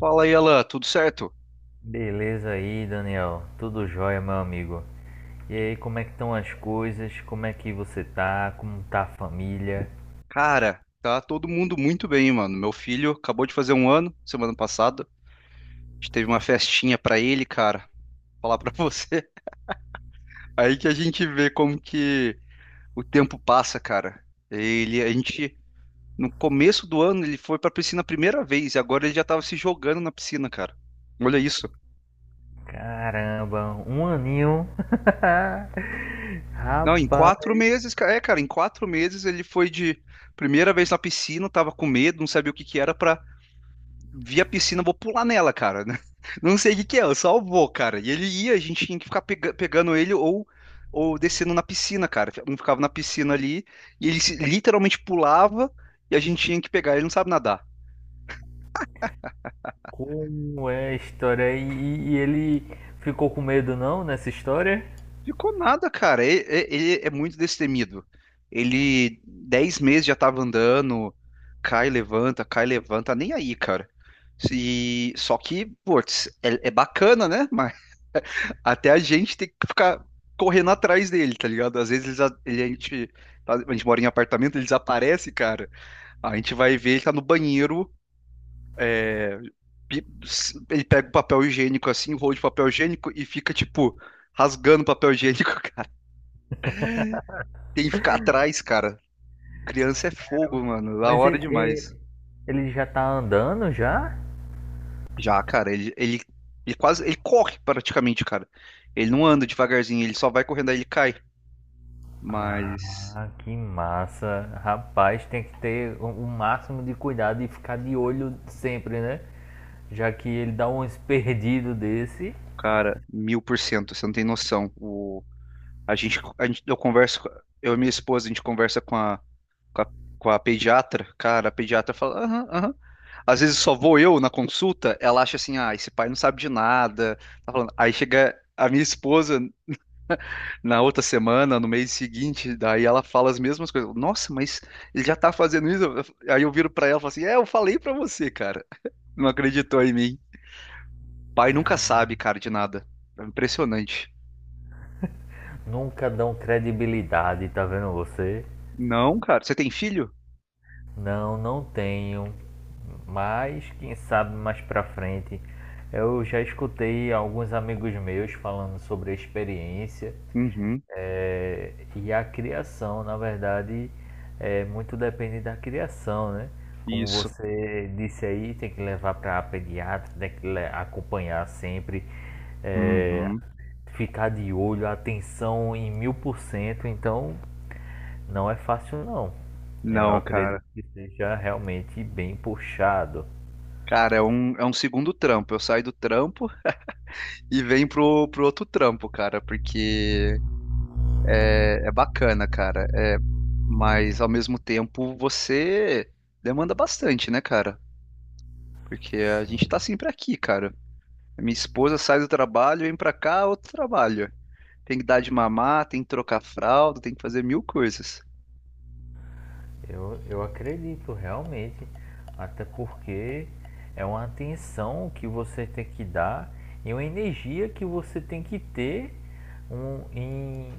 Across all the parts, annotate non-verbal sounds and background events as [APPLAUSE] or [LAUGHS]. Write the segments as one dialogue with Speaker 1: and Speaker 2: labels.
Speaker 1: Fala aí, Alan, tudo certo?
Speaker 2: Beleza aí, Daniel. Tudo jóia, meu amigo. E aí, como é que estão as coisas? Como é que você tá? Como tá a família?
Speaker 1: Cara, tá todo mundo muito bem, mano. Meu filho acabou de fazer 1 ano, semana passada. A gente teve uma festinha pra ele, cara. Falar pra você. [LAUGHS] Aí que a gente vê como que o tempo passa, cara. Ele, a gente, no começo do ano, ele foi pra piscina a primeira vez, e agora ele já tava se jogando na piscina, cara. Olha isso.
Speaker 2: Caramba, um aninho. [LAUGHS]
Speaker 1: Não, em
Speaker 2: Rapaz,
Speaker 1: 4 meses, cara. É, cara, em 4 meses ele foi de primeira vez na piscina, tava com medo, não sabia o que que era, pra vi a piscina, vou pular nela, cara. [LAUGHS] Não sei o que que é, eu só vou, cara. E ele ia, a gente tinha que ficar pegando ele, ou descendo na piscina, cara. Um ficava na piscina ali, e ele literalmente pulava, e a gente tinha que pegar. Ele não sabe nadar.
Speaker 2: como é a história? E ele ficou com medo não nessa história?
Speaker 1: Ficou nada, cara. Ele é muito destemido. Ele, 10 meses já tava andando, cai, levanta, nem aí, cara. E, só que, putz, é bacana, né? Até a gente tem que ficar correndo atrás dele, tá ligado? Às vezes a gente, a gente mora em apartamento, ele desaparece, cara. A gente vai ver, ele tá no banheiro, é, ele pega o papel higiênico assim, o rolo de papel higiênico, e fica, tipo, rasgando o papel higiênico, [LAUGHS] cara. Tem que ficar atrás, cara. Criança é fogo, mano. Da
Speaker 2: Mas
Speaker 1: hora demais.
Speaker 2: ele já tá andando já?
Speaker 1: Já, cara, ele corre praticamente, cara. Ele não anda devagarzinho, ele só vai correndo, aí ele cai. Mas
Speaker 2: Ah, que massa. Rapaz, tem que ter o máximo de cuidado e ficar de olho sempre, né? Já que ele dá uns perdidos desse,
Speaker 1: cara, 1000%, você não tem noção. O, a gente, eu converso, eu e minha esposa, a gente conversa com a, com a pediatra. Cara, a pediatra fala, aham, aham. Às vezes só vou eu na consulta, ela acha assim, ah, esse pai não sabe de nada. Tá falando. Aí chega a minha esposa na outra semana, no mês seguinte, daí ela fala as mesmas coisas. Nossa, mas ele já tá fazendo isso? Aí eu viro pra ela e falo assim, é, eu falei pra você, cara. Não acreditou em mim. Pai nunca sabe, cara, de nada. É impressionante.
Speaker 2: nunca dão credibilidade, tá vendo você?
Speaker 1: Não, cara. Você tem filho?
Speaker 2: Não, não tenho. Mas quem sabe mais pra frente. Eu já escutei alguns amigos meus falando sobre a experiência.
Speaker 1: Uhum.
Speaker 2: É, e a criação, na verdade, é muito depende da criação, né? Como
Speaker 1: Isso.
Speaker 2: você disse aí, tem que levar para pediatra, tem que acompanhar sempre, é,
Speaker 1: Uhum.
Speaker 2: ficar de olho, atenção em 1000%. Então, não é fácil, não. Eu
Speaker 1: Não, cara.
Speaker 2: acredito que seja realmente bem puxado.
Speaker 1: Cara, é um segundo trampo. Eu saio do trampo e venho pro outro trampo, cara, porque é bacana, cara. É, mas ao mesmo tempo você demanda bastante, né, cara? Porque a gente
Speaker 2: Sim.
Speaker 1: tá sempre aqui, cara. Minha esposa sai do trabalho, vem pra cá, outro trabalho. Tem que dar de mamar, tem que trocar fralda, tem que fazer mil coisas.
Speaker 2: Eu acredito realmente, até porque é uma atenção que você tem que dar e uma energia que você tem que ter um,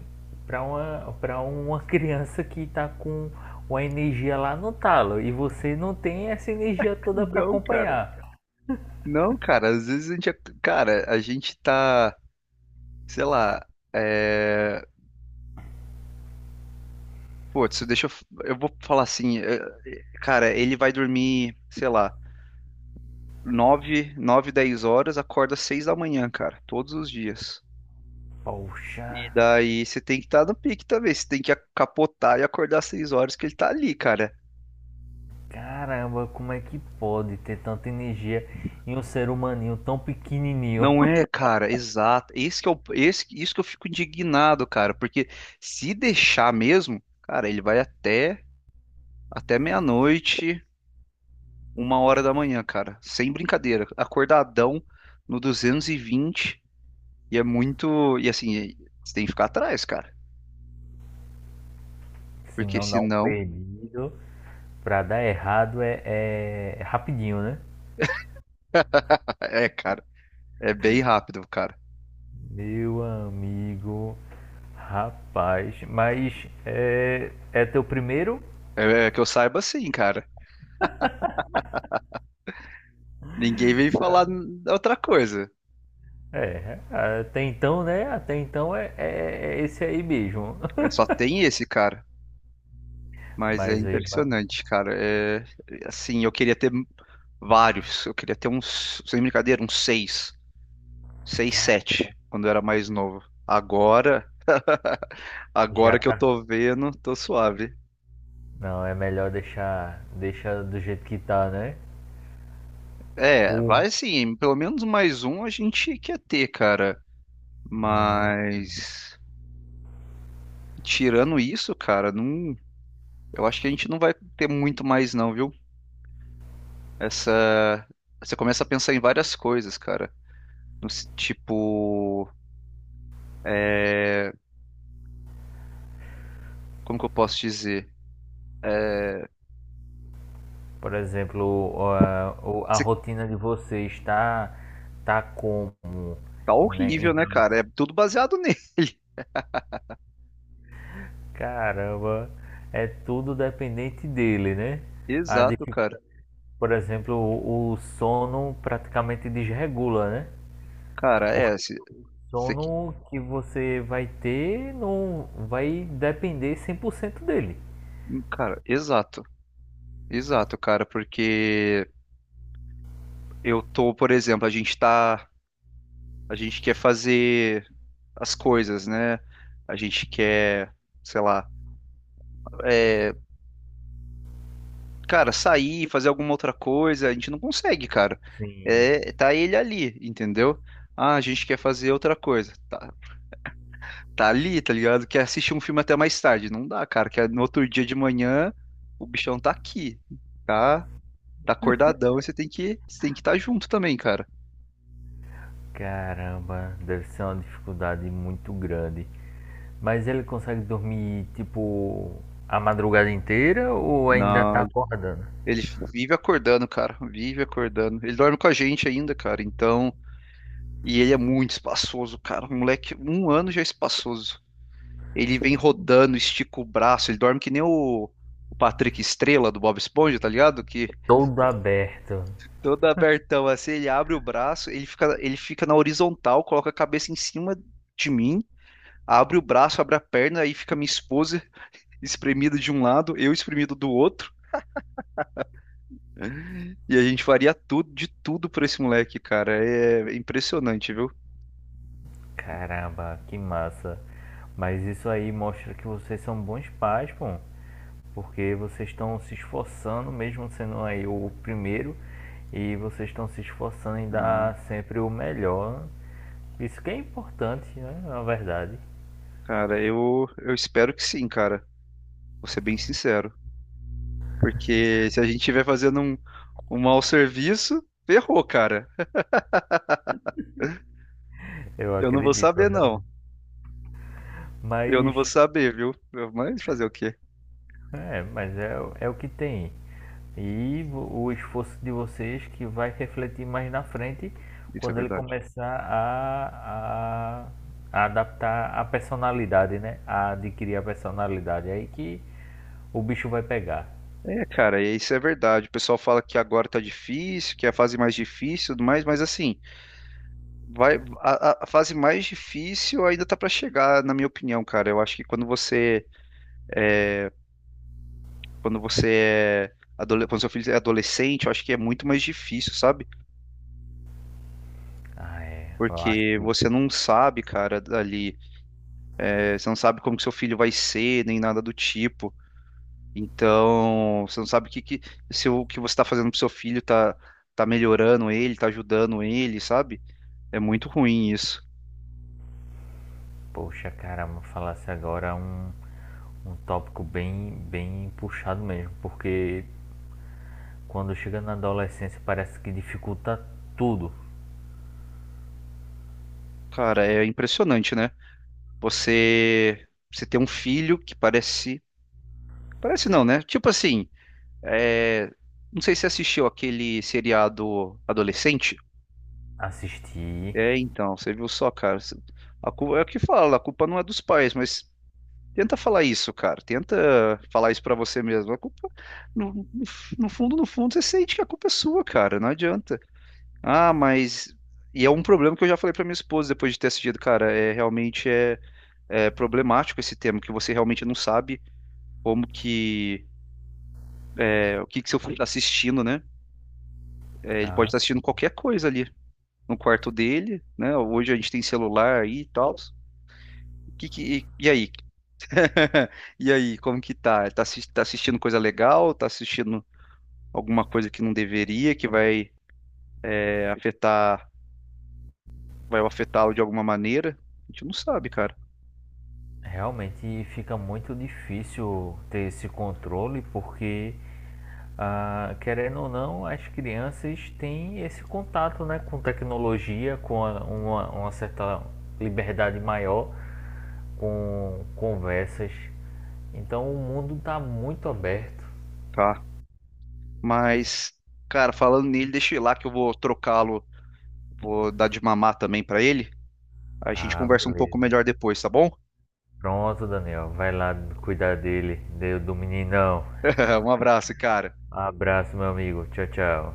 Speaker 2: pra uma [LAUGHS] criança que está com uma energia lá no talo e você não tem essa energia
Speaker 1: [LAUGHS]
Speaker 2: toda para
Speaker 1: Não, cara.
Speaker 2: acompanhar.
Speaker 1: Não, cara, às vezes a gente, cara, a gente tá, sei lá, é... putz, eu vou falar assim, cara, ele vai dormir, sei lá, 9, 9, 10 horas, acorda 6 da manhã, cara, todos os dias. E
Speaker 2: Poxa,
Speaker 1: daí você tem que estar no pique também, você tem que capotar e acordar às 6 horas, que ele tá ali, cara.
Speaker 2: caramba, como é que pode ter tanta energia em um ser humaninho tão pequenininho?
Speaker 1: Não é, cara, exato. Esse que é o, esse, isso que eu fico indignado, cara, porque se deixar mesmo, cara, ele vai até meia-noite, 1 hora da manhã, cara. Sem brincadeira. Acordadão no 220, e é muito. E assim, você tem que ficar atrás, cara.
Speaker 2: [LAUGHS] Se
Speaker 1: Porque
Speaker 2: não dá um
Speaker 1: senão. [LAUGHS]
Speaker 2: perdido. Pra dar errado é, é rapidinho, né?
Speaker 1: É, cara. É bem rápido, cara.
Speaker 2: Meu amigo, rapaz, mas é, é teu primeiro?
Speaker 1: É, é que eu saiba assim, cara. Ninguém vem falar outra coisa.
Speaker 2: É, até então, né? Até então é esse aí mesmo.
Speaker 1: É,
Speaker 2: [LAUGHS]
Speaker 1: só tem esse, cara. Mas é
Speaker 2: Mas aí, mas,
Speaker 1: impressionante, cara. É, assim, eu queria ter vários. Eu queria ter uns, sem brincadeira, uns seis. Seis,
Speaker 2: cara,
Speaker 1: sete, quando eu era mais novo. Agora,
Speaker 2: já
Speaker 1: que eu
Speaker 2: tá.
Speaker 1: tô vendo, tô suave.
Speaker 2: Não, é melhor deixar do jeito que tá, né?
Speaker 1: É,
Speaker 2: O,
Speaker 1: vai sim, pelo menos mais um a gente quer ter, cara. Mas tirando isso, cara, não, eu acho que a gente não vai ter muito mais não, viu? Essa, você começa a pensar em várias coisas, cara. Tipo, é, como que eu posso dizer? É,
Speaker 2: por exemplo, a, a
Speaker 1: você
Speaker 2: rotina de vocês tá como
Speaker 1: tá
Speaker 2: né,
Speaker 1: horrível,
Speaker 2: em.
Speaker 1: né, cara? É tudo baseado nele. [LAUGHS]
Speaker 2: Caramba, é tudo dependente dele, né? A
Speaker 1: Exato, cara.
Speaker 2: dificuldade, por exemplo, o sono praticamente desregula, né?
Speaker 1: Cara,
Speaker 2: Porque o
Speaker 1: você que-
Speaker 2: sono que você vai ter não vai depender 100% dele.
Speaker 1: cara, exato. Exato, cara, porque eu tô, por exemplo, a gente quer fazer as coisas, né? A gente quer, sei lá, é, cara, sair, fazer alguma outra coisa. A gente não consegue, cara.
Speaker 2: Sim,
Speaker 1: É, tá ele ali, entendeu? Ah, a gente quer fazer outra coisa. Tá, tá ali, tá ligado? Quer assistir um filme até mais tarde. Não dá, cara. Que é no outro dia de manhã o bichão tá aqui, tá? Tá acordadão, e você tem que estar junto também, cara.
Speaker 2: caramba, deve ser uma dificuldade muito grande. Mas ele consegue dormir, tipo, a madrugada inteira ou ainda
Speaker 1: Não,
Speaker 2: tá
Speaker 1: ele
Speaker 2: acordando?
Speaker 1: ele vive acordando, cara. Vive acordando. Ele dorme com a gente ainda, cara. Então. E ele é muito espaçoso, cara. O moleque, 1 ano já é espaçoso. Ele vem rodando, estica o braço, ele dorme que nem o Patrick Estrela do Bob Esponja, tá ligado? Que
Speaker 2: Todo aberto.
Speaker 1: todo abertão assim, ele abre o braço, ele fica na horizontal, coloca a cabeça em cima de mim, abre o braço, abre a perna, aí fica minha esposa espremida de um lado, eu espremido do outro, e a gente faria tudo, de tudo por esse moleque, cara. É impressionante, viu?
Speaker 2: Caramba, que massa. Mas isso aí mostra que vocês são bons pais, pô. Porque vocês estão se esforçando, mesmo sendo aí o primeiro, e vocês estão se esforçando em
Speaker 1: Ah,
Speaker 2: dar sempre o melhor. Isso que é importante, né? Na verdade.
Speaker 1: cara, eu espero que sim, cara. Vou ser bem sincero. Porque se a gente estiver fazendo um mau serviço, ferrou, cara.
Speaker 2: Eu
Speaker 1: Eu não vou
Speaker 2: acredito,
Speaker 1: saber, não.
Speaker 2: realmente.
Speaker 1: Eu não
Speaker 2: Mas
Speaker 1: vou saber, viu? Mas fazer o quê?
Speaker 2: é, mas é, é o que tem. E o esforço de vocês que vai refletir mais na frente
Speaker 1: Isso é
Speaker 2: quando ele
Speaker 1: verdade.
Speaker 2: começar a adaptar a personalidade, né? A adquirir a personalidade. É. Aí que o bicho vai pegar.
Speaker 1: É, cara, e isso é verdade. O pessoal fala que agora tá difícil, que é a fase mais difícil, e tudo mais, mas assim, vai, a fase mais difícil ainda tá pra chegar, na minha opinião, cara. Eu acho que quando seu filho é adolescente, eu acho que é muito mais difícil, sabe?
Speaker 2: Ah, é. Eu acho
Speaker 1: Porque
Speaker 2: que,
Speaker 1: você não sabe, cara, ali. É, você não sabe como que seu filho vai ser, nem nada do tipo. Então, você não sabe o que, se o que você está fazendo pro seu filho tá, tá melhorando ele, tá ajudando ele, sabe? É muito ruim isso.
Speaker 2: poxa, caramba, falasse agora um, um tópico bem, bem puxado mesmo. Porque quando chega na adolescência parece que dificulta tudo.
Speaker 1: Cara, é impressionante, né? Você, você ter um filho que parece. Parece não, né? Tipo assim, é, não sei se você assistiu aquele seriado adolescente.
Speaker 2: Assistir.
Speaker 1: É, então, você viu só, cara. A culpa, é o que fala, a culpa não é dos pais, mas tenta falar isso, cara. Tenta falar isso pra você mesmo. A culpa, no fundo, no fundo, você sente que a culpa é sua, cara. Não adianta. Ah, mas. E é um problema que eu já falei pra minha esposa depois de ter assistido, cara. É realmente é problemático esse tema, que você realmente não sabe como que é, o que que seu filho está assistindo, né? É, ele pode
Speaker 2: Ah.
Speaker 1: estar assistindo qualquer coisa ali no quarto dele, né? Hoje a gente tem celular aí e tal. O que e aí? [LAUGHS] E aí, como que tá? Tá assistindo coisa legal? Tá assistindo alguma coisa que não deveria, que vai afetar, vai afetá-lo de alguma maneira. A gente não sabe, cara.
Speaker 2: Realmente fica muito difícil ter esse controle, porque, ah, querendo ou não, as crianças têm esse contato, né, com tecnologia, com uma certa liberdade maior, com conversas. Então o mundo está muito aberto.
Speaker 1: Tá. Mas, cara, falando nele, deixa eu ir lá que eu vou trocá-lo, vou dar de mamar também pra ele. A gente
Speaker 2: Ah,
Speaker 1: conversa um pouco
Speaker 2: beleza.
Speaker 1: melhor depois, tá bom?
Speaker 2: Pronto, Daniel. Vai lá cuidar dele, do do meninão.
Speaker 1: [LAUGHS] Um abraço, cara.
Speaker 2: Abraço, meu amigo. Tchau, tchau.